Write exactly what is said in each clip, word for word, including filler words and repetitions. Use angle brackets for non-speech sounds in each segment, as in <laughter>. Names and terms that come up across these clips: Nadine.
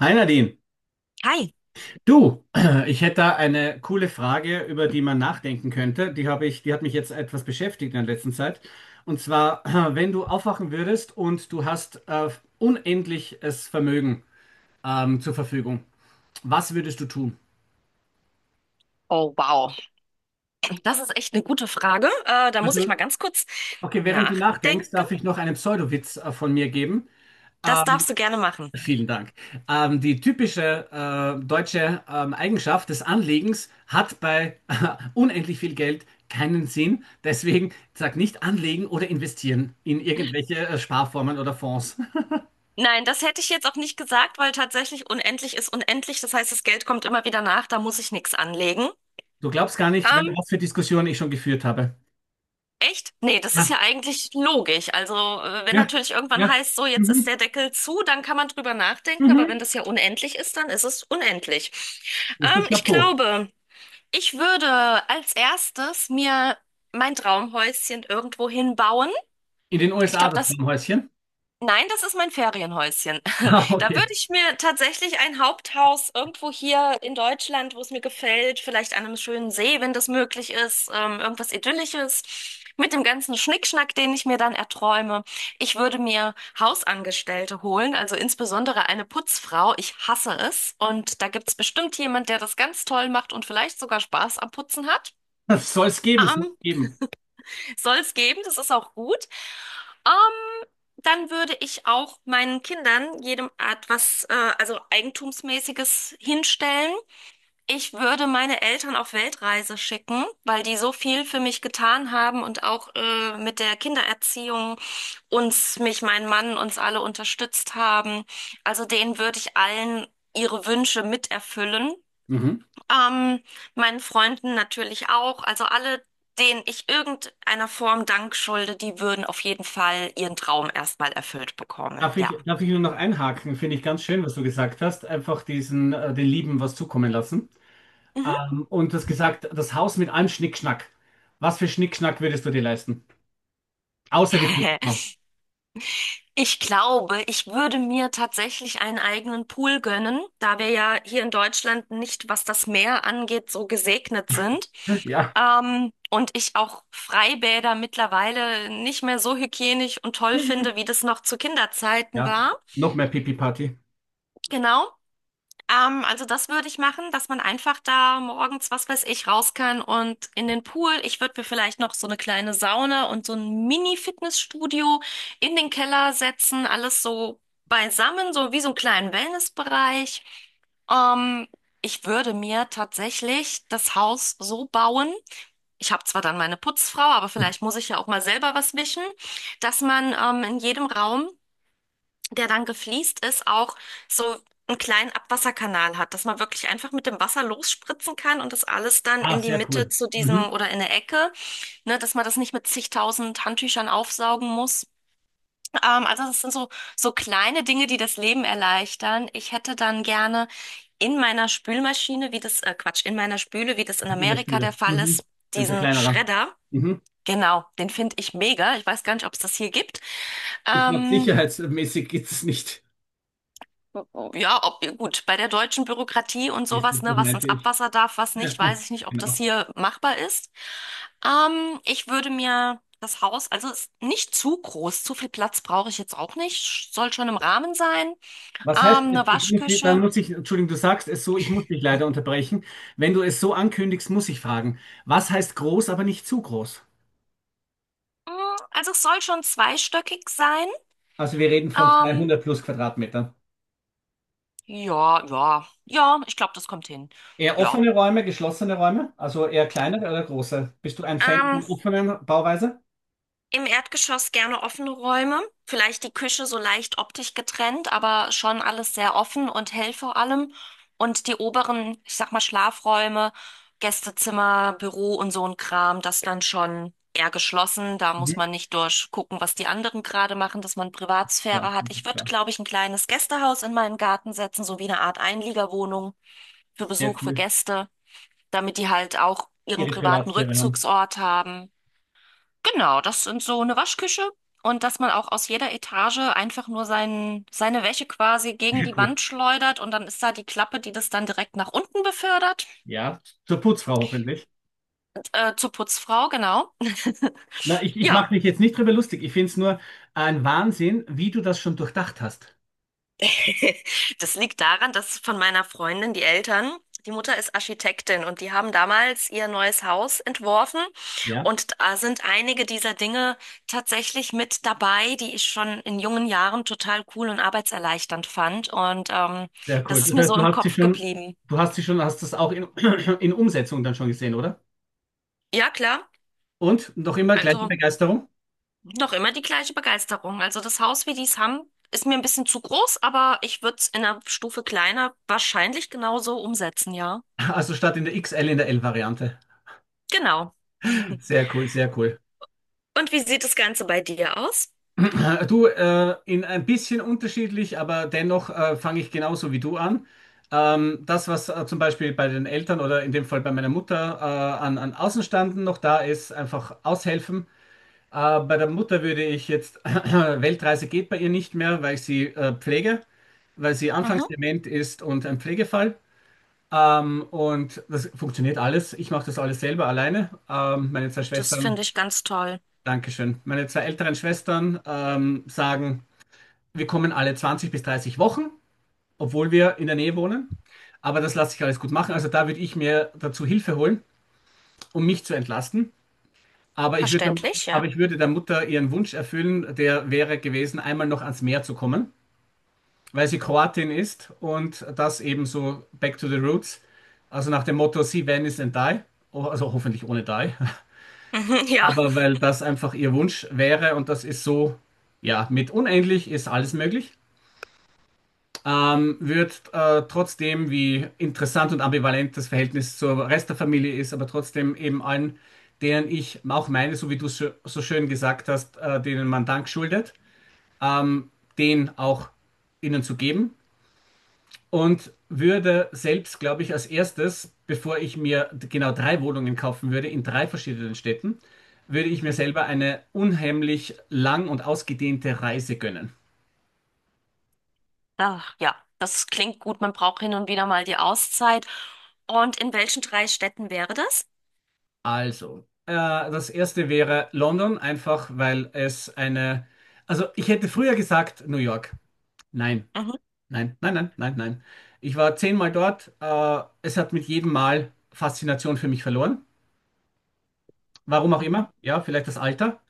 Hi Nadine, Hi. du, <clears throat> ich hätte da eine coole Frage, über die man nachdenken könnte. Die habe ich, die hat mich jetzt etwas beschäftigt in der letzten Zeit. Und zwar, <clears throat> wenn du aufwachen würdest und du hast äh, unendliches Vermögen ähm, zur Verfügung, was würdest du tun? Oh, wow. Das ist echt eine gute Frage. Äh, da muss ich Also, mal ganz kurz okay, während du nachdenkst, nachdenken. darf ich noch einen Pseudowitz äh, von mir geben. Das Ähm, darfst du gerne machen. Vielen Dank. Ähm, die typische äh, deutsche ähm, Eigenschaft des Anlegens hat bei <laughs> unendlich viel Geld keinen Sinn. Deswegen sag nicht anlegen oder investieren in irgendwelche äh, Sparformen oder Fonds. Nein, das hätte ich jetzt auch nicht gesagt, weil tatsächlich unendlich ist unendlich. Das heißt, das Geld kommt immer wieder nach. Da muss ich nichts anlegen. Du glaubst gar nicht, wel- Ähm, was für Diskussionen ich schon geführt habe. Echt? Nee, das ist ja Ja, eigentlich logisch. Also, äh, wenn ja, natürlich irgendwann ja. heißt, so, jetzt ist Mhm, der Deckel zu, dann kann man drüber nachdenken. Aber wenn mhm. das ja unendlich ist, dann ist es unendlich. Bist du Ähm, ich Chapeau? glaube. Ich würde als erstes mir mein Traumhäuschen irgendwo hinbauen. In den Ich U S A glaube, das das, Häuschen? <laughs> nein, das ist mein Ferienhäuschen. <laughs> Ah, Da würde okay. ich mir tatsächlich ein Haupthaus irgendwo hier in Deutschland, wo es mir gefällt, vielleicht an einem schönen See, wenn das möglich ist, ähm, irgendwas Idyllisches, mit dem ganzen Schnickschnack, den ich mir dann erträume. Ich würde mir Hausangestellte holen, also insbesondere eine Putzfrau. Ich hasse es. Und da gibt es bestimmt jemand, der das ganz toll macht und vielleicht sogar Spaß am Putzen hat. Das soll es geben, soll es Ähm, geben. Soll es geben, das ist auch gut. Ähm, Dann würde ich auch meinen Kindern jedem Art was, äh, also Eigentumsmäßiges hinstellen. Ich würde meine Eltern auf Weltreise schicken, weil die so viel für mich getan haben und auch äh, mit der Kindererziehung uns, mich, mein Mann, uns alle unterstützt haben. Also denen würde ich allen ihre Wünsche miterfüllen. Mhm. Ähm, Meinen Freunden natürlich auch. Also alle, denen ich irgendeiner Form Dank schulde, die würden auf jeden Fall ihren Traum erstmal erfüllt bekommen. Darf Ja. ich, darf ich nur noch einhaken? Finde ich ganz schön, was du gesagt hast. Einfach diesen, äh, den Lieben was zukommen lassen. Mhm. Ähm, und das gesagt, das Haus mit allem Schnickschnack. Was für Schnickschnack würdest du dir leisten? Außer die <laughs> Pizza. Ich glaube, ich würde mir tatsächlich einen eigenen Pool gönnen, da wir ja hier in Deutschland nicht, was das Meer angeht, so gesegnet sind. <laughs> Ja, Ähm, und ich auch Freibäder mittlerweile nicht mehr so hygienisch und toll finde, wie das noch zu Kinderzeiten ja. war. Noch mehr Pipi-Party. Genau. Ähm, also das würde ich machen, dass man einfach da morgens, was weiß ich, raus kann und in den Pool. Ich würde mir vielleicht noch so eine kleine Sauna und so ein Mini-Fitnessstudio in den Keller setzen, alles so beisammen, so wie so einen kleinen Wellnessbereich. Ähm, Ich würde mir tatsächlich das Haus so bauen. Ich habe zwar dann meine Putzfrau, aber vielleicht muss ich ja auch mal selber was wischen, dass man ähm, in jedem Raum der dann gefliest ist, auch so einen kleinen Abwasserkanal hat, dass man wirklich einfach mit dem Wasser losspritzen kann und das alles dann Ah, in die sehr Mitte cool. zu diesem Mhm. oder in der Ecke, ne, dass man das nicht mit zigtausend Handtüchern aufsaugen muss. Ähm, also das sind so, so kleine Dinge, die das Leben erleichtern. Ich hätte dann gerne in meiner Spülmaschine, wie das, äh, Quatsch, in meiner Spüle, wie das in In der Amerika der Spüle. Fall Mhm. ist, Bin so diesen kleinerer. Schredder. Mhm. Genau, den finde ich mega. Ich weiß gar nicht, ob es das hier gibt. Ich glaube, Ähm, sicherheitsmäßig geht es nicht. Ja, ob, gut, bei der deutschen Bürokratie und Siehst du, sowas, das ne, was meinte ins ich. Abwasser darf, was nicht, <laughs> weiß ich nicht, ob das Genau. hier machbar ist. Ähm, ich würde mir das Haus, also es ist nicht zu groß, zu viel Platz brauche ich jetzt auch nicht, soll schon im Rahmen sein. Was heißt, Ähm, eine ich, ich- dann Waschküche, muss ich, Entschuldigung, du sagst es so, ich muss dich leider unterbrechen. Wenn du es so ankündigst, muss ich fragen, was heißt groß, aber nicht zu groß? mm, also es soll schon zweistöckig sein. Also wir reden von Ähm, zweihundert plus Quadratmetern. ja, ja, ja, ich glaube, das kommt hin. Eher Ja. offene Räume, geschlossene Räume, also eher kleinere oder große? Bist du ein Fan Ähm, von offenen Bauweise? Im Erdgeschoss gerne offene Räume, vielleicht die Küche so leicht optisch getrennt, aber schon alles sehr offen und hell vor allem. Und die oberen, ich sag mal, Schlafräume, Gästezimmer, Büro und so ein Kram, das dann schon eher geschlossen. Da muss Mhm. man nicht durchgucken, was die anderen gerade machen, dass man Ja, Privatsphäre hat. das Ich ist würde, klar. glaube ich, ein kleines Gästehaus in meinen Garten setzen, so wie eine Art Einliegerwohnung für Sehr Besuch, für cool. Gäste, damit die halt auch ihren Ihre privaten Privatsphäre haben. Rückzugsort haben. Genau, das sind so eine Waschküche und dass man auch aus jeder Etage einfach nur sein, seine Wäsche quasi gegen Sehr die cool. Wand schleudert und dann ist da die Klappe, die das dann direkt nach unten befördert, Ja, zur Putzfrau hoffentlich. äh, zur Putzfrau, genau. Na, ich, ich mache Ja, mich jetzt nicht drüber lustig. Ich finde es nur ein Wahnsinn, wie du das schon durchdacht hast. <laughs> das liegt daran, dass von meiner Freundin die Eltern, die Mutter ist Architektin und die haben damals ihr neues Haus entworfen Ja. und da sind einige dieser Dinge tatsächlich mit dabei, die ich schon in jungen Jahren total cool und arbeitserleichternd fand und ähm, Sehr cool. das ist Das mir heißt, so du im hast sie Kopf schon, geblieben. du hast sie schon, hast das auch in, <clears throat> in Umsetzung dann schon gesehen, oder? Ja, klar, Und noch immer gleiche also Begeisterung? <laughs> noch immer die gleiche Begeisterung. Also das Haus, wie die es haben, ist mir ein bisschen zu groß, aber ich würde es in einer Stufe kleiner wahrscheinlich genauso umsetzen, ja. Also statt in der X L in der L Variante. Genau. Sehr cool, sehr cool. Und wie sieht das Ganze bei dir aus? <clears throat> Du, äh, in ein bisschen unterschiedlich, aber dennoch äh, fange ich genauso wie du an. Ähm, das, was äh, zum Beispiel bei den Eltern oder in dem Fall bei meiner Mutter äh, an, an Außenstanden noch da ist, einfach aushelfen. Äh, bei der Mutter würde ich jetzt, <clears throat> Weltreise geht bei ihr nicht mehr, weil ich sie äh, pflege, weil sie Mhm. anfangsdement ist und ein Pflegefall. Ähm, und das funktioniert alles. Ich mache das alles selber alleine. Ähm, meine zwei Das Schwestern, finde ich ganz toll. Dankeschön. Meine zwei älteren Schwestern ähm, sagen, wir kommen alle zwanzig bis dreißig Wochen, obwohl wir in der Nähe wohnen. Aber das lasse ich alles gut machen. Also da würde ich mir dazu Hilfe holen, um mich zu entlasten. Aber ich würde, Verständlich, aber ja. ich würde der Mutter ihren Wunsch erfüllen, der wäre gewesen, einmal noch ans Meer zu kommen, weil sie Kroatin ist und das eben so back to the roots. Also nach dem Motto, see Venice and die. Oh, also hoffentlich ohne die. <laughs> Mhm, ja. Aber weil das einfach ihr Wunsch wäre und das ist so, ja, mit unendlich ist alles möglich. Ähm, wird äh, trotzdem, wie interessant und ambivalent das Verhältnis zur Rest der Familie ist, aber trotzdem eben allen, denen ich auch meine, so wie du so, so schön gesagt hast, äh, denen man Dank schuldet, ähm, den auch ihnen zu geben. Und würde selbst, glaube ich, als erstes, bevor ich mir genau drei Wohnungen kaufen würde, in drei verschiedenen Städten, würde ich mir Mhm. selber eine unheimlich lang und ausgedehnte Reise gönnen. Ach, ja, das klingt gut. Man braucht hin und wieder mal die Auszeit. Und in welchen drei Städten wäre das? Also, äh, das erste wäre London, einfach weil es eine. Also, ich hätte früher gesagt New York. Nein, Mhm. nein, nein, nein, nein, nein. Ich war zehnmal dort. Äh, es hat mit jedem Mal Faszination für mich verloren. Warum auch Mhm. immer. Ja, vielleicht das Alter.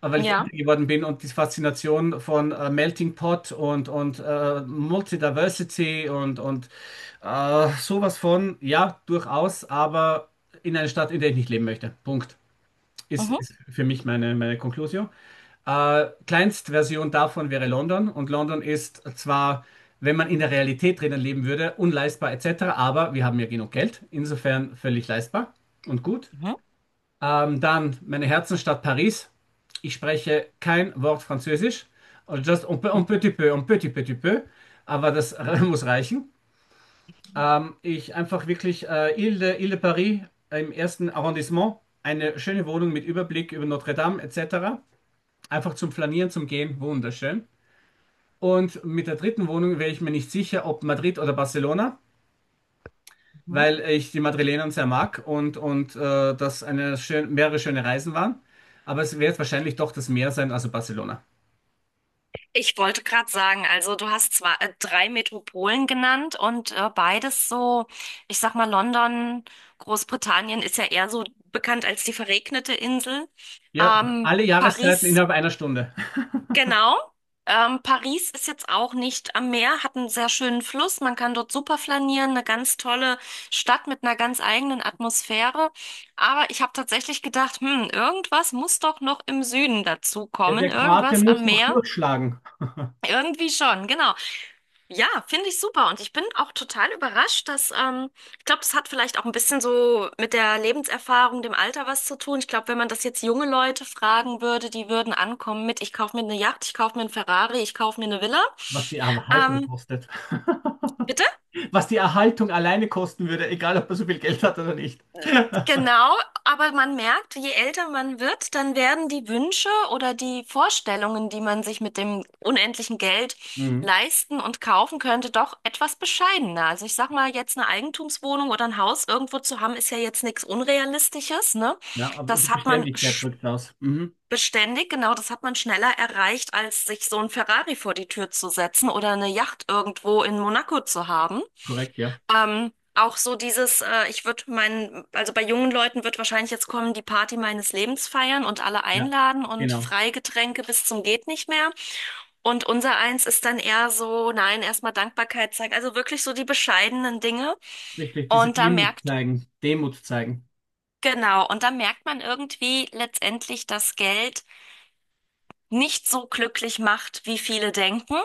Aber weil ich älter Ja. geworden bin und die Faszination von äh, Melting Pot und, und äh, Multidiversity und, und äh, sowas von, ja, durchaus, aber in einer Stadt, in der ich nicht leben möchte. Punkt. Ist, Mhm. ist für mich meine, meine Conclusio. Äh, Kleinstversion davon wäre London. Und London ist zwar, wenn man in der Realität drinnen leben würde, unleistbar et cetera, aber wir haben ja genug Geld. Insofern völlig leistbar und gut. Mhm. Ähm, dann meine Herzensstadt Paris. Ich spreche kein Wort Französisch. Also just un, peu- un petit peu, un petit petit peu. Aber das <laughs> Mhm. muss reichen. Ähm, ich einfach wirklich äh, Ile de, Ile de Paris äh, im ersten Arrondissement, eine schöne Wohnung mit Überblick über Notre Dame et cetera. Einfach zum Flanieren, zum Gehen, wunderschön. Und mit der dritten Wohnung wäre ich mir nicht sicher, ob Madrid oder Barcelona, weil ich die Madrilener sehr mag und, und äh, das eine schön, mehrere schöne Reisen waren. Aber es wird wahrscheinlich doch das Meer sein, also Barcelona. Ich wollte gerade sagen, also du hast zwar äh, drei Metropolen genannt und äh, beides so, ich sag mal, London, Großbritannien ist ja eher so bekannt als die verregnete Insel. Ja, Ähm, alle Jahreszeiten Paris innerhalb einer Stunde. genau. Ähm, Paris ist jetzt auch nicht am Meer, hat einen sehr schönen Fluss. Man kann dort super flanieren, eine ganz tolle Stadt mit einer ganz eigenen Atmosphäre. Aber ich habe tatsächlich gedacht, hm, irgendwas muss doch noch im Süden dazu Ja, kommen, der Kroate irgendwas muss am doch Meer. durchschlagen, Irgendwie schon, genau. Ja, finde ich super. Und ich bin auch total überrascht, dass, ähm, ich glaube, das hat vielleicht auch ein bisschen so mit der Lebenserfahrung, dem Alter was zu tun. Ich glaube, wenn man das jetzt junge Leute fragen würde, die würden ankommen mit, ich kaufe mir eine Yacht, ich kaufe mir einen Ferrari, ich kaufe mir eine Villa. was die Erhaltung Ähm, kostet. Bitte? <laughs> Was die Erhaltung alleine kosten würde, egal ob er so viel Geld hat oder nicht. <laughs> Genau, aber man merkt, je älter man wird, dann werden die Wünsche oder die Vorstellungen, die man sich mit dem unendlichen Geld Mhm. leisten und kaufen könnte, doch etwas bescheidener. Also ich sag mal, jetzt eine Eigentumswohnung oder ein Haus irgendwo zu haben, ist ja jetzt nichts Unrealistisches, ne? Ja, aber und die Das hat man Beständigkeit sch- drückt aus. Mhm. beständig, genau, das hat man schneller erreicht, als sich so ein Ferrari vor die Tür zu setzen oder eine Yacht irgendwo in Monaco zu haben. Korrekt, ja. Ähm, auch so dieses, äh, ich würde meinen, also bei jungen Leuten wird wahrscheinlich jetzt kommen, die Party meines Lebens feiern und alle Ja, einladen und genau. Freigetränke bis zum geht nicht mehr. Und unser eins ist dann eher so, nein, erstmal Dankbarkeit zeigen. Also wirklich so die bescheidenen Dinge. Richtig, diese Und da Demut merkt, zeigen, Demut zeigen. genau, und da merkt man irgendwie letztendlich, dass Geld nicht so glücklich macht, wie viele denken,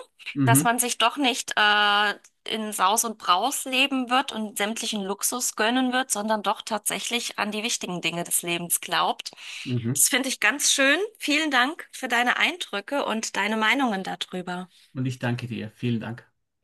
dass Mhm. man sich doch nicht äh, in Saus und Braus leben wird und sämtlichen Luxus gönnen wird, sondern doch tatsächlich an die wichtigen Dinge des Lebens glaubt. Mhm. Das finde ich ganz schön. Vielen Dank für deine Eindrücke und deine Meinungen darüber. Und ich danke dir. Vielen Dank.